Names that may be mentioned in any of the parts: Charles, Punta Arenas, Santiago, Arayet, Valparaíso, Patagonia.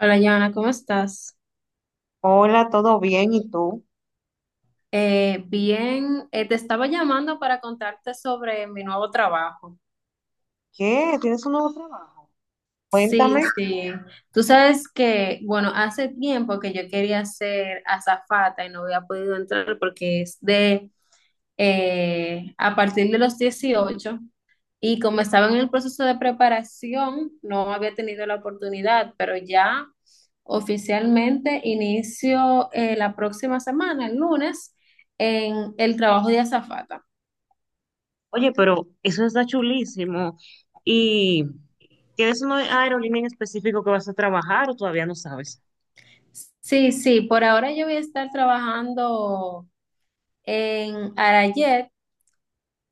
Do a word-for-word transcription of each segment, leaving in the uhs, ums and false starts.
Hola, Joana, ¿cómo estás? Hola, ¿todo bien? ¿Y tú? Eh, bien, eh, te estaba llamando para contarte sobre mi nuevo trabajo. ¿Qué? ¿Tienes un nuevo trabajo? Sí, Cuéntame. sí. Tú sabes que, bueno, hace tiempo que yo quería ser azafata y no había podido entrar porque es de, eh, a partir de los dieciocho. Y como estaba en el proceso de preparación, no había tenido la oportunidad, pero ya oficialmente inicio eh, la próxima semana, el lunes, en el trabajo de azafata. Oye, pero eso está chulísimo. ¿Y tienes una aerolínea en específico que vas a trabajar o todavía no sabes? Sí, sí, por ahora yo voy a estar trabajando en Arayet,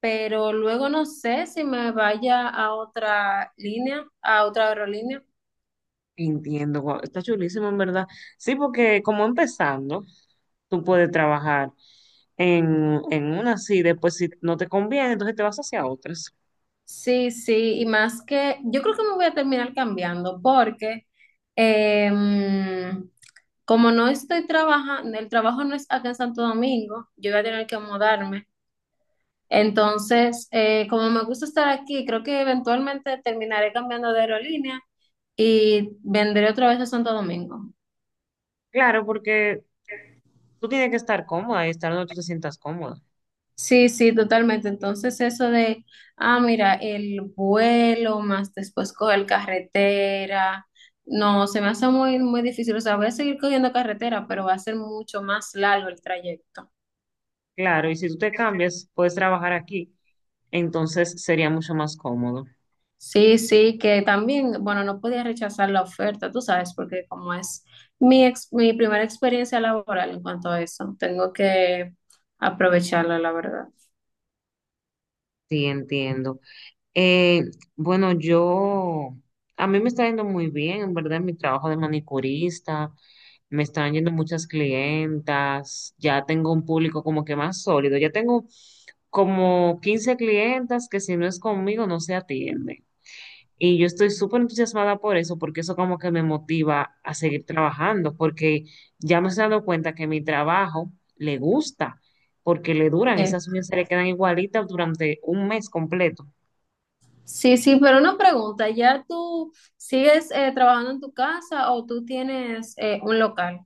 pero luego no sé si me vaya a otra línea, a otra aerolínea. Entiendo, guau, está chulísimo en verdad. Sí, porque como empezando, tú puedes trabajar en, en una así, después si no te conviene, entonces te vas hacia otras. Sí, sí, y más que yo creo que me voy a terminar cambiando porque em, como no estoy trabajando, el trabajo no es acá en Santo Domingo, yo voy a tener que mudarme. Entonces, eh, como me gusta estar aquí, creo que eventualmente terminaré cambiando de aerolínea y vendré otra vez a Santo Domingo. Claro, porque tú tienes que estar cómoda y estar donde tú te sientas cómoda. Sí, sí, totalmente. Entonces, eso de, ah, mira, el vuelo más después coger carretera, no, se me hace muy, muy difícil. O sea, voy a seguir cogiendo carretera, pero va a ser mucho más largo el trayecto. Claro, y si tú te cambias, puedes trabajar aquí. Entonces sería mucho más cómodo. Sí, sí, que también, bueno, no podía rechazar la oferta, tú sabes, porque como es mi, ex- mi primera experiencia laboral en cuanto a eso, tengo que aprovecharla, la verdad. Sí, entiendo. Eh, bueno, yo, a mí me está yendo muy bien, en verdad, en mi trabajo de manicurista, me están yendo muchas clientas, ya tengo un público como que más sólido, ya tengo como quince clientas que si no es conmigo no se atienden. Y yo estoy súper entusiasmada por eso, porque eso como que me motiva a seguir trabajando, porque ya me he dado cuenta que mi trabajo le gusta, porque le duran, Sí, esas uñas se le quedan igualitas durante un mes completo. sí, sí, pero una pregunta, ¿ya tú sigues eh, trabajando en tu casa o tú tienes eh, un local?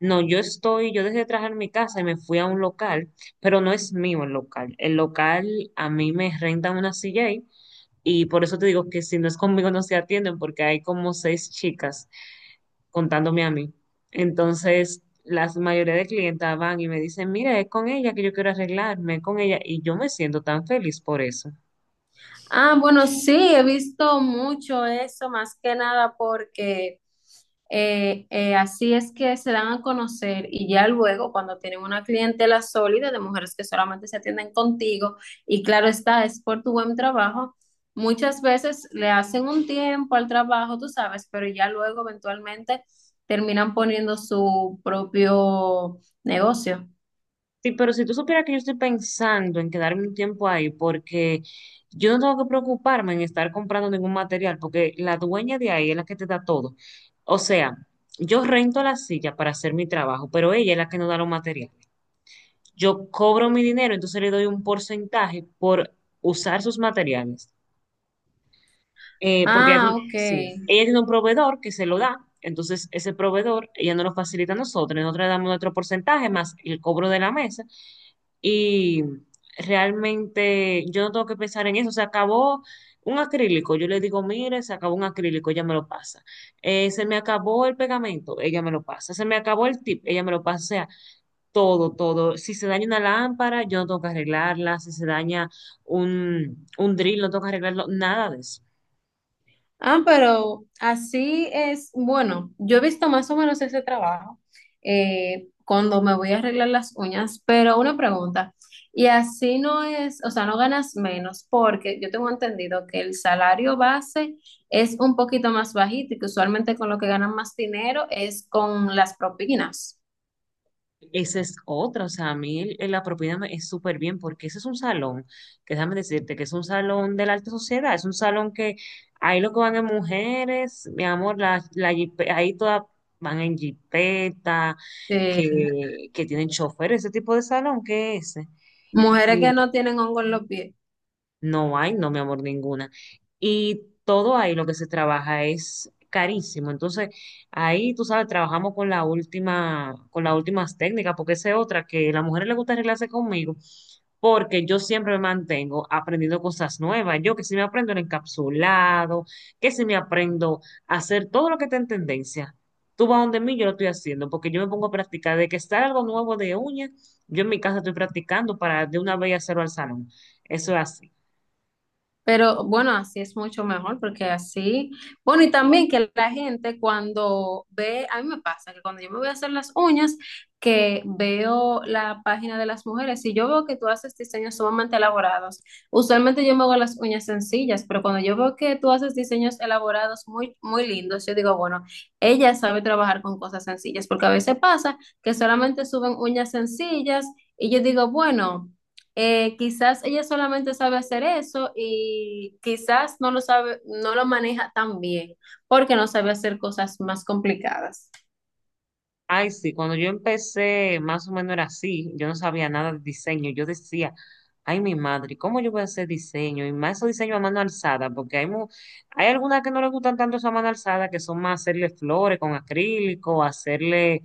No, yo estoy, yo dejé de trabajar en mi casa y me fui a un local, pero no es mío el local. El local a mí me rentan una silla ahí. Y por eso te digo que si no es conmigo no se atienden porque hay como seis chicas contándome a mí. Entonces, la mayoría de clientas van y me dicen, mira, es con ella que yo quiero arreglarme, es con ella. Y yo me siento tan feliz por eso. Ah, bueno, sí, he visto mucho eso, más que nada porque eh, eh, así es que se dan a conocer y ya luego cuando tienen una clientela sólida de mujeres que solamente se atienden contigo y claro está, es por tu buen trabajo, muchas veces le hacen un tiempo al trabajo, tú sabes, pero ya luego eventualmente terminan poniendo su propio negocio. Sí, pero si tú supieras que yo estoy pensando en quedarme un tiempo ahí porque yo no tengo que preocuparme en estar comprando ningún material porque la dueña de ahí es la que te da todo. O sea, yo rento la silla para hacer mi trabajo, pero ella es la que nos da los materiales. Yo cobro mi dinero, entonces le doy un porcentaje por usar sus materiales. Eh, porque ella- Ah, sí, ok. ella tiene un proveedor que se lo da, entonces ese proveedor ella no lo facilita a nosotros, nosotros le damos nuestro porcentaje más el cobro de la mesa y realmente yo no tengo que pensar en eso, se acabó un acrílico, yo le digo, mire, se acabó un acrílico, ella me lo pasa. Eh, se me acabó el pegamento, ella me lo pasa, se me acabó el tip, ella me lo pasa. O sea, todo, todo. Si se daña una lámpara, yo no tengo que arreglarla. Si se daña un, un drill, no tengo que arreglarlo. Nada de eso. Ah, pero así es, bueno, yo he visto más o menos ese trabajo eh, cuando me voy a arreglar las uñas, pero una pregunta, y así no es, o sea, no ganas menos porque yo tengo entendido que el salario base es un poquito más bajito y que usualmente con lo que ganan más dinero es con las propinas. Esa es otra. O sea, a mí el- la propiedad me- es súper bien porque ese es un salón, que déjame decirte que es un salón de la alta sociedad. Es un salón que ahí lo que van es mujeres, mi amor, la, la jipe- ahí todas van en jipeta, Eh, que, que tienen chofer, ese tipo de salón, ¿qué es ese? mujeres que no tienen hongo en los pies. No hay, no, mi amor, ninguna. Y todo ahí lo que se trabaja es carísimo. Entonces, ahí, tú sabes, trabajamos con la última, con las últimas técnicas, porque esa es otra que a las mujeres les gusta arreglarse conmigo, porque yo siempre me mantengo aprendiendo cosas nuevas. Yo que si me aprendo el encapsulado, que si me aprendo a hacer todo lo que está en tendencia. Tú vas donde mí, yo lo estoy haciendo, porque yo me pongo a practicar. De que está algo nuevo de uña, yo en mi casa estoy practicando para de una vez hacerlo al salón. Eso es así. Pero bueno, así es mucho mejor porque así, bueno, y también que la gente cuando ve, a mí me pasa que cuando yo me voy a hacer las uñas, que veo la página de las mujeres y yo veo que tú haces diseños sumamente elaborados. Usualmente yo me hago las uñas sencillas, pero cuando yo veo que tú haces diseños elaborados muy, muy lindos, yo digo, bueno, ella sabe trabajar con cosas sencillas, porque a veces pasa que solamente suben uñas sencillas y yo digo, bueno. Eh, quizás ella solamente sabe hacer eso y quizás no lo sabe, no lo maneja tan bien porque no sabe hacer cosas más complicadas. Ay, sí, cuando yo empecé, más o menos era así, yo no sabía nada de diseño, yo decía, ay, mi madre, ¿cómo yo voy a hacer diseño? Y más esos diseños a mano alzada, porque hay, mu- hay algunas que no les gustan tanto esa mano alzada, que son más hacerle flores con acrílico, hacerle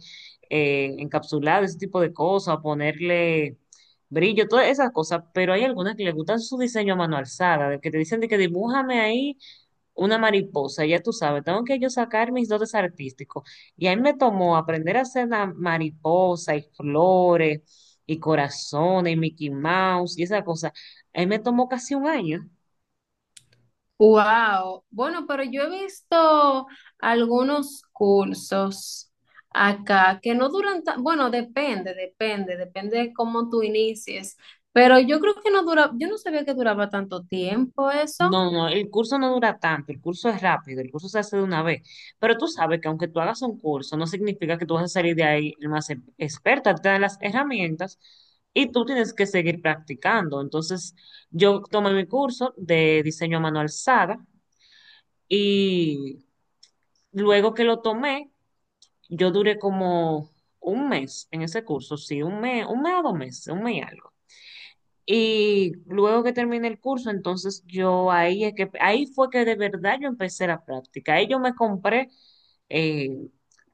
eh, encapsulado, ese tipo de cosas, ponerle brillo, todas esas cosas, pero hay algunas que les gustan su diseño a mano alzada, de que te dicen de que dibújame ahí una mariposa, ya tú sabes, tengo que yo sacar mis dotes artísticos. Y ahí me tomó aprender a hacer la mariposa y flores y corazones y Mickey Mouse y esa cosa. Ahí me tomó casi un año. Wow. Bueno, pero yo he visto algunos cursos acá que no duran tan, bueno, depende, depende, depende de cómo tú inicies, pero yo creo que no dura, yo no sabía que duraba tanto tiempo eso. No, no, el curso no dura tanto, el curso es rápido, el curso se hace de una vez. Pero tú sabes que aunque tú hagas un curso, no significa que tú vas a salir de ahí el más e- experta, te dan las herramientas y tú tienes que seguir practicando. Entonces, yo tomé mi curso de diseño a mano alzada. Y luego que lo tomé, yo duré como un mes en ese curso, sí, un mes, un mes a dos meses, un mes y algo. Y luego que terminé el curso, entonces yo ahí es que ahí fue que de verdad yo empecé la práctica. Ahí yo me compré eh,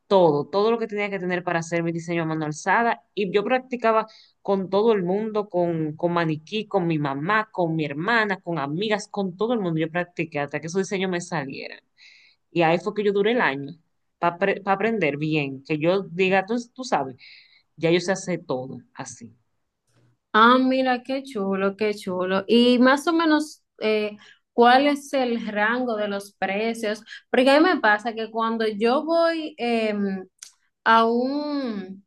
todo, todo lo que tenía que tener para hacer mi diseño a mano alzada. Y yo practicaba con todo el mundo, con, con maniquí, con mi mamá, con mi hermana, con amigas, con todo el mundo. Yo practiqué hasta que esos diseños me salieran. Y ahí fue que yo duré el año para aprender bien, que yo diga, tú, tú sabes, ya yo sé hacer todo así. Ah, mira, qué chulo, qué chulo. Y más o menos, eh, ¿cuál es el rango de los precios? Porque a mí me pasa que cuando yo voy em, a un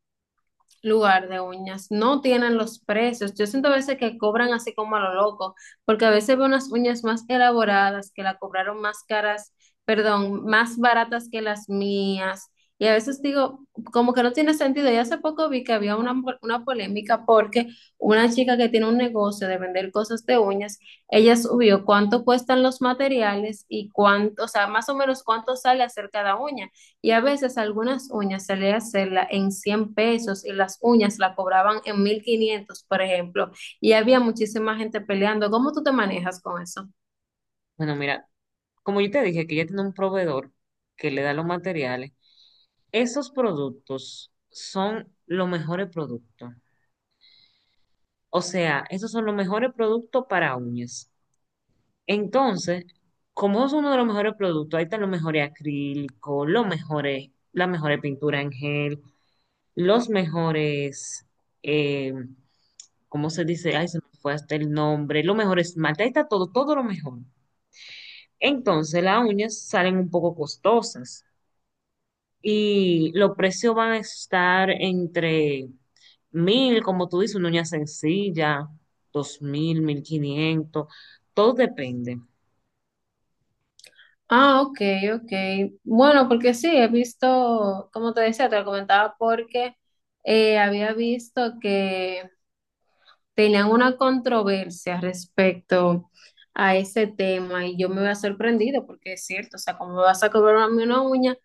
lugar de uñas, no tienen los precios. Yo siento a veces que cobran así como a lo loco, porque a veces veo unas uñas más elaboradas que la cobraron más caras, perdón, más baratas que las mías. Y a veces digo, como que no tiene sentido. Y hace poco vi que había una, una polémica porque una chica que tiene un negocio de vender cosas de uñas, ella subió cuánto cuestan los materiales y cuánto, o sea, más o menos cuánto sale hacer cada uña. Y a veces algunas uñas se le hacerla en cien pesos y las uñas la cobraban en mil quinientos, por ejemplo. Y había muchísima gente peleando. ¿Cómo tú te manejas con eso? Bueno, mira, como yo te dije que ella tiene un proveedor que le da los materiales, esos productos son los mejores productos. O sea, esos son los mejores productos para uñas. Entonces, como es uno de los mejores productos, ahí están los mejores acrílicos, los mejores, las mejores pinturas en gel, los mejores... eh, ¿cómo se dice? Ay, se me fue hasta el nombre. Lo mejor es esmalte, ahí está todo, todo lo mejor. Entonces, las uñas salen un poco costosas y los precios van a estar entre mil, como tú dices, una uña sencilla, dos mil, mil quinientos, todo depende. Ah, ok, ok. Bueno, porque sí, he visto, como te decía, te lo comentaba porque eh, había visto que tenían una controversia respecto a ese tema y yo me había sorprendido porque es cierto, o sea, como me vas a cobrar a mí una uña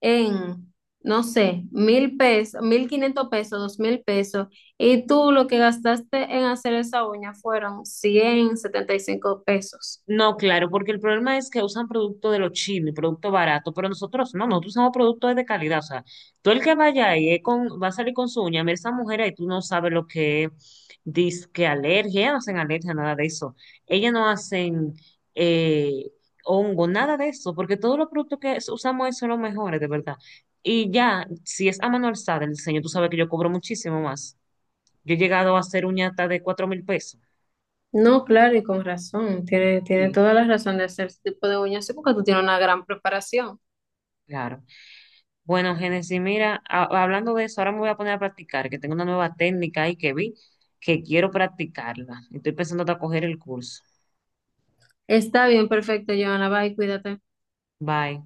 en, no sé, mil pesos, mil quinientos pesos, dos mil pesos, y tú lo que gastaste en hacer esa uña fueron cien setenta y cinco pesos. No, claro, porque el problema es que usan producto de los chinos, producto barato, pero nosotros no, nosotros usamos productos de calidad. O sea, tú el que vaya ahí es con, va a salir con su uña, mira esa mujer ahí, tú no sabes lo que dice que alergia, ellas no hacen alergia, nada de eso. Ellas no hacen eh, hongo, nada de eso, porque todos los productos que es- usamos ahí son los mejores, de verdad. Y ya, si es a mano alzada el diseño, tú sabes que yo cobro muchísimo más. Yo he llegado a hacer uña hasta de cuatro mil pesos. No, claro, y con razón, tiene, tiene, Sí. toda la razón de hacer ese tipo de uñas, sí, porque tú tienes una gran preparación. Claro. Bueno, Génesis, mira, a- hablando de eso, ahora me voy a poner a practicar, que tengo una nueva técnica ahí que vi, que quiero practicarla. Estoy pensando hasta coger el curso. Está bien, perfecto, Joana, bye, cuídate. Bye.